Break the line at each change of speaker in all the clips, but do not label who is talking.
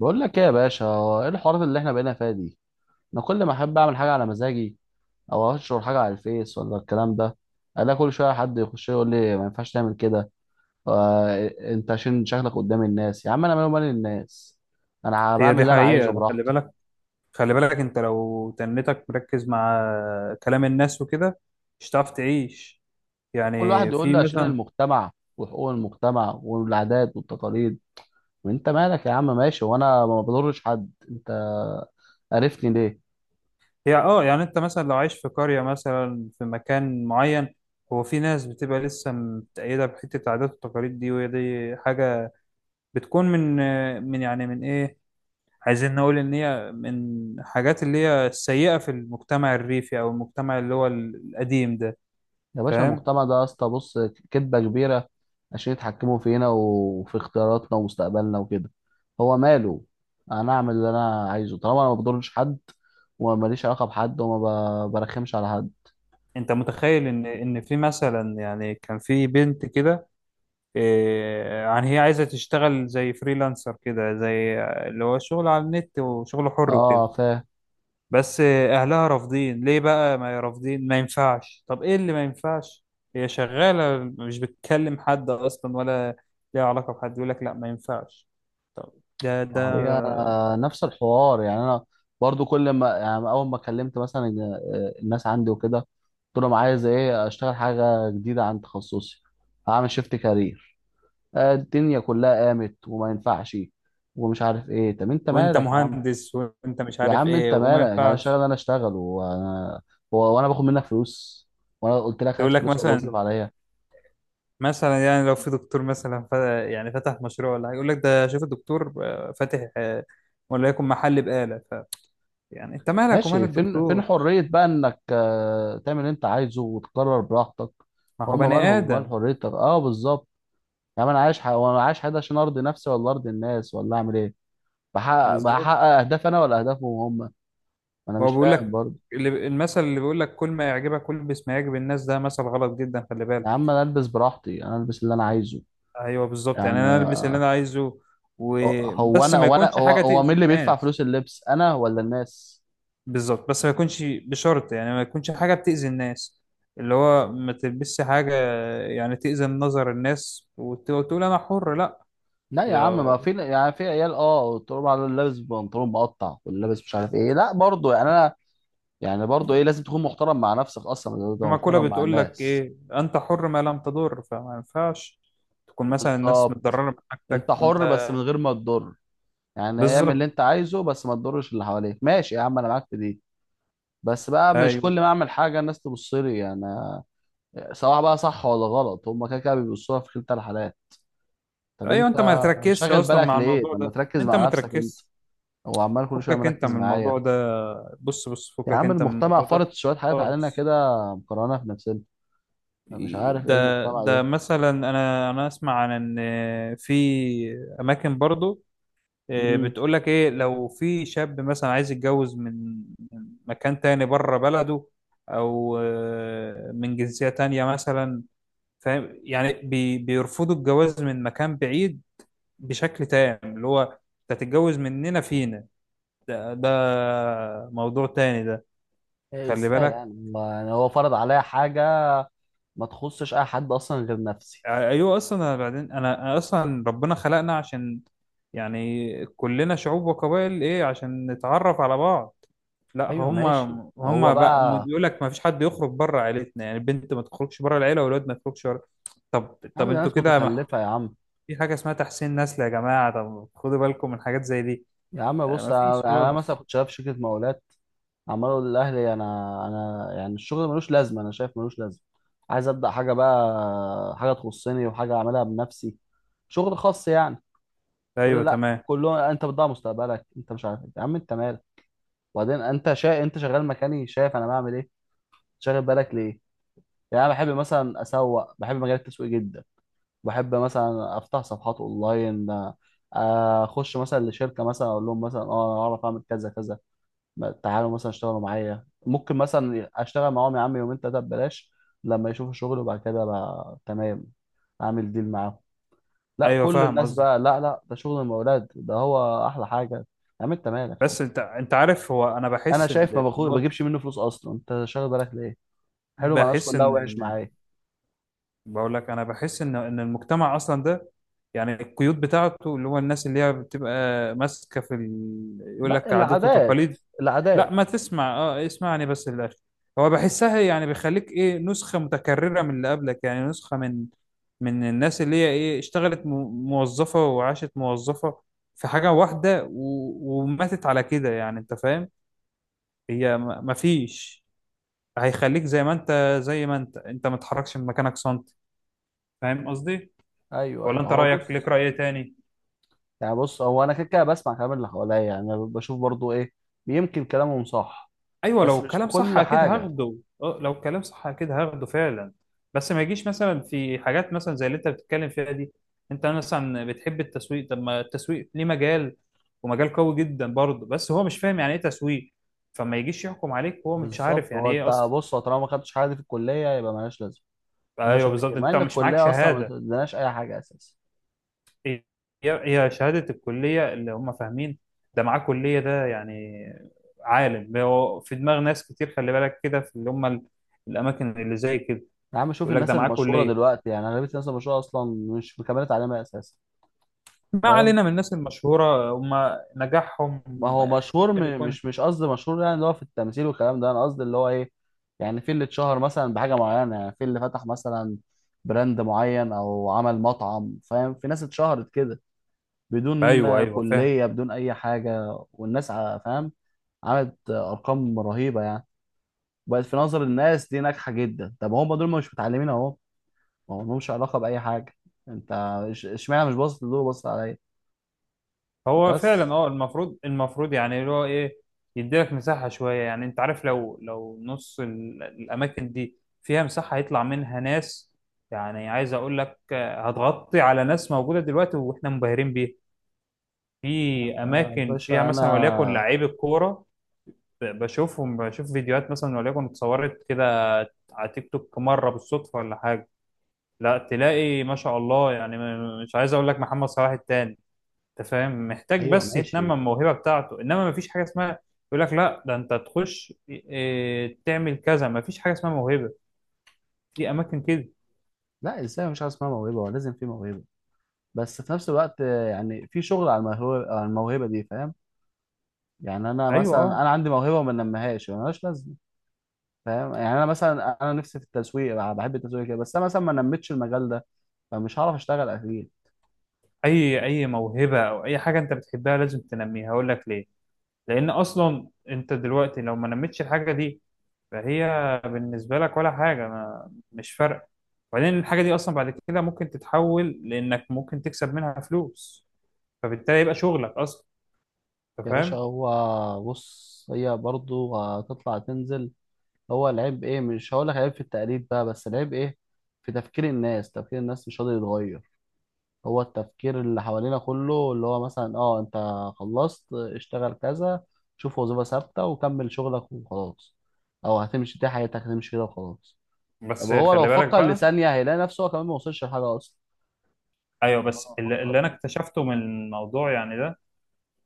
بقول لك ايه يا باشا؟ هو ايه الحوارات اللي احنا بقينا فيها دي؟ انا كل ما احب اعمل حاجه على مزاجي او انشر حاجه على الفيس ولا الكلام ده، الاقي كل شويه حد يخش يقول لي ما ينفعش تعمل كده. آه، انت عشان شكلك قدام الناس؟ يا عم انا مالي ومال الناس، انا
هي
بعمل
دي
اللي انا عايزه
حقيقة. خلي
براحتي.
بالك، خلي بالك، انت لو تنتك مركز مع كلام الناس وكده مش هتعرف تعيش.
كل واحد
يعني
يقول
في
لي عشان
مثلا،
المجتمع وحقوق المجتمع والعادات والتقاليد، وانت مالك يا عم؟ ماشي وانا ما بضرش حد، انت عرفني ليه؟
هي يعني انت مثلا لو عايش في قرية، مثلا في مكان معين، هو في ناس بتبقى لسه متأيدة بحتة العادات والتقاليد دي. وهي دي حاجة بتكون من، يعني من ايه، عايزين نقول ان هي من حاجات اللي هي السيئة في المجتمع الريفي، او المجتمع اللي هو القديم ده،
يا باشا
فاهم؟
المجتمع ده يا اسطى بص، كدبة كبيرة عشان يتحكموا فينا وفي اختياراتنا ومستقبلنا وكده. هو ماله؟ انا اعمل اللي انا عايزه طالما انا ما بضرش حد وما ماليش علاقة بحد وما برخمش على حد.
انت متخيل ان في مثلا يعني كان في بنت كده، إيه، يعني هي عايزه تشتغل زي فريلانسر كده، زي اللي هو شغل على النت وشغل حر وكده.
اه فاهم.
بس اهلها رافضين. ليه بقى؟ ما رافضين، ما ينفعش. طب ايه اللي ما ينفعش؟ هي شغاله، مش بتكلم حد اصلا، ولا ليها علاقه بحد يقول لك لا ما ينفعش. طب ده،
هي نفس الحوار يعني انا برضو كل ما يعني اول ما كلمت مثلا الناس عندي وكده، قلت لهم عايز ايه، اشتغل حاجة جديدة عن تخصصي، هعمل شيفت كارير. الدنيا كلها قامت وما ينفعش ومش عارف ايه. طب انت
وانت
مالك يا عم؟
مهندس وانت مش
يا
عارف
عم
ايه
انت
وما
مالك، انا اشتغل
ينفعش.
انا اشتغل وانا وانا باخد منك فلوس؟ وانا قلت لك هات
يقول لك
فلوس والله تصرف
مثلا،
عليا؟
يعني لو في دكتور مثلا، يعني فتح مشروع ولا حاجة، يقول لك ده شوف الدكتور فاتح، وليكن محل بقالة، يعني انت مالك ومال
ماشي، فين فين
الدكتور؟
حرية بقى انك تعمل اللي انت عايزه وتقرر براحتك؟
ما هو
هم
بني
مالهم مال
آدم.
حريتك؟ اه بالظبط. يا عم انا عايش وانا عايش حياتي عشان ارضي نفسي ولا ارضي الناس ولا اعمل ايه؟ بحقق
بالظبط.
بحقق اهدافي انا ولا اهدافهم هم؟ انا
هو
مش
بيقول
فاهم
لك
برضه.
المثل اللي بيقول لك كل ما يعجبك البس ما يعجب الناس، ده مثل غلط جدا، خلي
يا
بالك.
عم انا البس براحتي، انا البس اللي انا عايزه
ايوه بالظبط، يعني
يعني.
انا البس اللي انا عايزه،
هو
وبس
انا
ما
هو انا
يكونش
هو
حاجة
هو مين
تأذي
اللي بيدفع
الناس.
فلوس اللبس، انا ولا الناس؟
بالظبط، بس ما يكونش بشرط، يعني ما يكونش حاجة بتأذي الناس، اللي هو ما تلبسش حاجة يعني تأذي نظر الناس، وتقول أنا حر، لا
لا يا عم
يا.
ما في يعني، في عيال اه تقول على لابس بنطلون مقطع واللي لابس مش عارف ايه، لا برضه يعني انا يعني برضه ايه، لازم تكون محترم مع نفسك اصلا، لازم
في
تبقى
مقولة
محترم مع
بتقول لك
الناس.
إيه؟ أنت حر ما لم تضر. فما ينفعش تكون مثلا الناس
بالظبط،
متضررة من
انت
حاجتك وأنت.
حر بس من غير ما تضر، يعني اعمل اللي
بالظبط.
انت عايزه بس ما تضرش اللي حواليك، ماشي يا عم انا معاك في دي. بس بقى مش
أيوه،
كل ما اعمل حاجه الناس تبص لي يعني، سواء بقى صح ولا غلط هم كده كده بيبصوها في كلتا الحالات. طب
أيوه.
انت
أنت ما تركزش
شاغل
أصلا
بالك
مع
ليه؟
الموضوع
طب ما
ده.
تركز
أنت
مع
ما
نفسك انت.
تركزش،
هو عمال كل شويه
فكك أنت
مركز
من الموضوع
معايا.
ده. بص، بص،
يا
فكك
عم
أنت من
المجتمع
الموضوع
فرض
ده.
شويه حاجات علينا
خالص.
كده مقارنه في نفسنا. أنا مش عارف
ده
ايه المجتمع
ده
ده.
مثلا، انا اسمع عن ان في اماكن برضو،
امم.
بتقولك ايه؟ لو في شاب مثلا عايز يتجوز من مكان تاني بره بلده، او من جنسية تانية مثلا. فاهم؟ يعني بيرفضوا الجواز من مكان بعيد بشكل تام، اللي هو انت تتجوز مننا فينا. ده موضوع تاني ده.
إيه
خلي
ازاي يعني
بالك.
يعني هو فرض عليا حاجه؟ ما تخصش اي حد اصلا غير نفسي.
ايوه اصلا. أنا بعدين انا اصلا ربنا خلقنا عشان، يعني كلنا شعوب وقبائل، ايه، عشان نتعرف على بعض. لا،
ايوه
هم
ماشي. هو
هم بقى
بقى،
يقول لك ما فيش حد يخرج بره عيلتنا، يعني البنت ما تخرجش بره العيله، والولد ما يخرجش بره. طب
يا عم
طب
ده
انتوا
ناس
كده
متخلفه يا عم.
في حاجه اسمها تحسين نسل يا جماعه. طب خدوا بالكم من حاجات زي دي.
يا عم بص،
ما
انا
فيش
يعني أنا مثلا
خالص.
كنت شغال في شركه مقاولات، عمال اقول للاهلي انا، انا يعني الشغل ملوش لازمه، انا شايف ملوش لازمه، عايز ابدا حاجه بقى، حاجه تخصني وحاجه اعملها بنفسي، شغل خاص يعني. يقول
ايوه
لي لا
تمام.
كلهم، انت بتضيع مستقبلك انت مش عارف إيه. يا عم انت مالك؟ وبعدين انت انت شغال مكاني، شايف انا بعمل ايه، شاغل بالك ليه؟ يعني انا بحب مثلا اسوق، بحب مجال التسويق جدا، بحب مثلا افتح صفحات اونلاين، اخش مثلا لشركه مثلا اقول لهم مثلا اه انا اعرف اعمل كذا كذا، تعالوا مثلا اشتغلوا معايا، ممكن مثلا اشتغل معاهم يا عم 2 أو 3 أيام ببلاش، لما يشوفوا شغل وبعد كده بقى تمام اعمل ديل معاهم. لا
ايوه،
كل
فاهم
الناس
قصدي.
بقى لا لا ده شغل المولاد ده هو احلى حاجه. يا عم انت مالك يعني؟
بس انت عارف، هو انا
انا
بحس ان
شايف، ما باخد
هو
بجيبش منه فلوس اصلا، انت شاغل بالك ليه؟ حلو مع الناس
بحس
كلها، وحش
ان.
معايا.
بقول لك انا بحس ان المجتمع اصلا ده، يعني القيود بتاعته اللي هو الناس اللي هي بتبقى ماسكه في يقول
لا
لك عادات
العادات،
وتقاليد. لا،
العادات.
ما تسمع، اسمعني بس للاخر. هو بحسها يعني بيخليك ايه نسخه متكرره من اللي قبلك، يعني نسخه من الناس اللي هي ايه اشتغلت موظفه، وعاشت موظفه في حاجه واحده وماتت على كده. يعني انت فاهم. هي ما فيش، هيخليك زي ما انت انت ما تتحركش من مكانك سنتي. فاهم قصدي؟
ايوه
ولا
ايوه
انت
هو
رايك ليك
بص،
راي تاني؟
يعني بص هو انا كده كده بسمع كلام اللي حواليا، يعني أنا بشوف برضو ايه، يمكن كلامهم صح،
ايوه، لو
بس مش في
الكلام صح
كل
اكيد
حاجه.
هاخده. اه لو الكلام صح اكيد هاخده فعلا. بس ما يجيش مثلا في حاجات مثلا زي اللي انت بتتكلم فيها دي. انت مثلا بتحب التسويق، طب ما التسويق ليه مجال، ومجال قوي جدا برضه. بس هو مش فاهم يعني ايه تسويق. فما يجيش يحكم عليك وهو مش
بالظبط.
عارف
هو
يعني
انت
ايه اصلا.
بص، هو طالما ما خدتش حاجه دي في الكليه يبقى مالهاش لازمه، هما
ايوه
شايفين
بالظبط،
كده مع
انت
ان
مش معاك
الكليه اصلا ما
شهاده.
بتديناش اي حاجه اساسا.
هي هي شهادة الكلية اللي هم فاهمين، ده معاه كلية، ده يعني عالم. هو في دماغ ناس كتير خلي بالك كده، في اللي هم الأماكن اللي زي كده.
يا عم شوف
يقول لك ده
الناس
معاه
المشهوره
كلية.
دلوقتي، يعني اغلبيه الناس المشهوره اصلا مش مكمله تعليمها اساسا.
ما
فاهم؟
علينا من الناس المشهورة، هم نجاحهم
ما هو مشهور
ممكن
م-
يكون.
مش مش قصدي مشهور يعني اللي هو في التمثيل والكلام ده، انا قصدي اللي هو ايه، يعني في اللي اتشهر مثلا بحاجه معينه، يعني في اللي فتح مثلا براند معين او عمل مطعم، فاهم، في ناس اتشهرت كده بدون
أيوه، أيوه فاهم.
كليه بدون اي حاجه، والناس فاهم، عملت ارقام رهيبه يعني، بقت في نظر الناس دي ناجحه جدا. طب هم دول مش متعلمين اهو، ما هم لهمش علاقه باي حاجه. انت اشمعنى مش باصص لدول وباصص عليا؟
هو فعلا،
بس
المفروض يعني اللي هو ايه، يديلك مساحة شوية. يعني انت عارف، لو نص الأماكن دي فيها مساحة هيطلع منها ناس. يعني عايز أقول لك، هتغطي على ناس موجودة دلوقتي وإحنا مبهرين بيها. في
آه يا
أماكن فيها
باشا
مثلا وليكن
انا،
لعيب الكورة، بشوف فيديوهات مثلا وليكن اتصورت كده على تيك توك مرة بالصدفة ولا حاجة، لا تلاقي ما شاء الله. يعني مش عايز أقول لك محمد صلاح التاني. انت فاهم، محتاج
ايوه
بس يتنمى
ماشي.
الموهبه بتاعته، انما مفيش حاجه اسمها، يقول لك لا ده انت تخش إيه، تعمل كذا. مفيش حاجه اسمها موهبه في اماكن كده.
لا الانسان مش عايز اسمها موهبه، هو لازم في موهبه، بس في نفس الوقت يعني في شغل على الموهبه، على الموهبه دي فاهم، يعني انا
ايوه.
مثلا
اه
انا عندي موهبه وما نميهاش ملهاش لازمه. فاهم يعني، انا مثلا انا نفسي في التسويق، بحب التسويق كده، بس انا مثلا ما نميتش المجال ده، فمش هعرف اشتغل اكيد.
اي موهبه او اي حاجه انت بتحبها لازم تنميها، هقول لك ليه. لان اصلا انت دلوقتي لو ما نميتش الحاجه دي فهي بالنسبه لك ولا حاجه، ما مش فارقه. وبعدين الحاجه دي اصلا بعد كده ممكن تتحول، لانك ممكن تكسب منها فلوس، فبالتالي يبقى شغلك اصلا. انت
يا باشا
فاهم؟
هو بص، هي برضو هتطلع تنزل. هو العيب ايه؟ مش هقول لك عيب في التقليد بقى، بس العيب ايه؟ في تفكير الناس، تفكير الناس مش قادر يتغير. هو التفكير اللي حوالينا كله اللي هو مثلا اه، انت خلصت اشتغل كذا، شوف وظيفة ثابتة وكمل شغلك وخلاص، او هتمشي دي حياتك هتمشي كده وخلاص. طب
بس
هو لو
خلي بالك
فكر
بقى.
لثانية هيلاقي نفسه هو كمان ما وصلش لحاجة اصلا،
ايوه،
لو انا
بس اللي
بفكر.
انا اكتشفته من الموضوع يعني ده،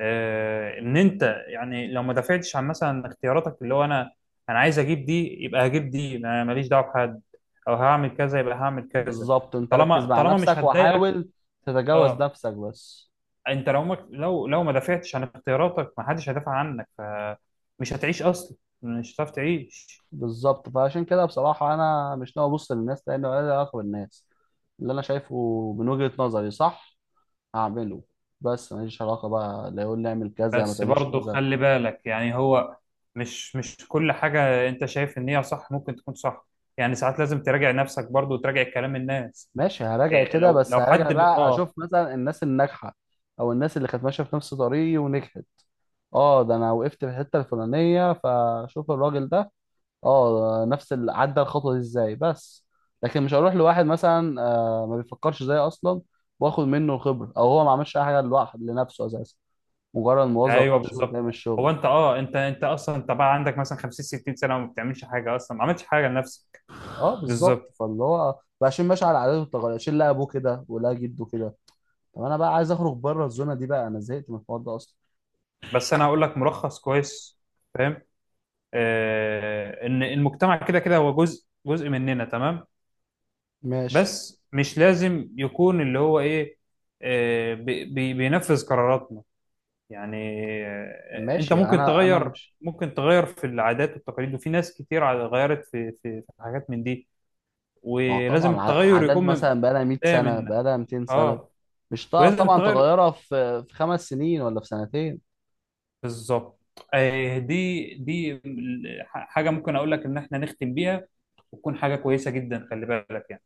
ان انت، يعني لو ما دافعتش عن مثلا اختياراتك، اللي هو انا، عايز اجيب دي يبقى هجيب دي، ماليش دعوه بحد. او هعمل كذا يبقى هعمل كذا،
بالظبط، انت ركز
طالما
مع
طالما مش
نفسك
هتضايقك.
وحاول تتجاوز
اه،
نفسك بس.
انت لو ما دافعتش عن اختياراتك، ما حدش هيدافع عنك، فمش هتعيش اصلا. مش هتعرف تعيش.
بالظبط، فعشان كده بصراحة أنا مش ناوي أبص للناس، لأن ولا لي علاقة بالناس، اللي أنا شايفه من وجهة نظري صح هعمله، بس ماليش علاقة بقى لا يقول لي اعمل كذا ما
بس
تعملش
برضه
كذا.
خلي بالك، يعني هو مش كل حاجة انت شايف ان هي صح ممكن تكون صح. يعني ساعات لازم تراجع نفسك برضه وتراجع كلام الناس.
ماشي هراجع
إيه،
كده،
لو
بس
لو
هراجع
حد ب...
بقى
اه
أشوف مثلا الناس الناجحة أو الناس اللي كانت ماشية في نفس طريقي ونجحت، أه ده أنا وقفت في الحتة الفلانية فأشوف الراجل ده، اه نفس اللي عدى الخطوه دي ازاي بس، لكن مش هروح لواحد مثلا ما بيفكرش زيي اصلا، واخد منه الخبره، او هو ما عملش اي حاجه لوحده لنفسه اساسا، مجرد موظف
ايوه
عن الشغل
بالظبط.
جاي من
هو
الشغل.
انت، انت اصلا، انت بقى عندك مثلا 50 60 سنة وما بتعملش حاجة اصلا، ما عملتش حاجة لنفسك.
اه بالظبط،
بالظبط.
فاللي هو بقى عشان ماشي على عاداته والتقاليد، عشان لا ابوه كده ولا جده كده. طب انا بقى عايز اخرج بره الزونه دي بقى، انا زهقت من الحوار ده اصلا.
بس انا هقول لك ملخص كويس، فاهم؟ ان المجتمع كده كده هو جزء جزء مننا تمام.
ماشي،
بس مش لازم يكون اللي هو ايه، بينفذ قراراتنا، يعني انت
ماشي
ممكن
انا
تغير.
مش.
في العادات والتقاليد وفي ناس كتير غيرت في حاجات من دي.
ما هو
ولازم
طبعا ع-
التغير
عادات
يكون من
مثلا بقى لها 100
بداية
سنه،
منك.
بقى لها 200 سنه،
اه
مش هتعرف
ولازم
طبعا
التغير.
تغيرها في 5 سنين ولا في سنتين.
بالظبط. دي حاجة ممكن اقول لك ان احنا نختم بيها، وتكون حاجة كويسة جدا، خلي بالك يعني.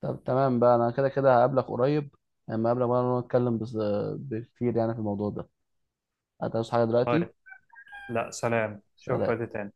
طب تمام بقى انا كده كده هقابلك قريب، لما اقابلك بقى نتكلم بس- بكتير يعني في الموضوع ده. هتعوز حاجة دلوقتي؟
لا، سلام،
سلام.
شكرا.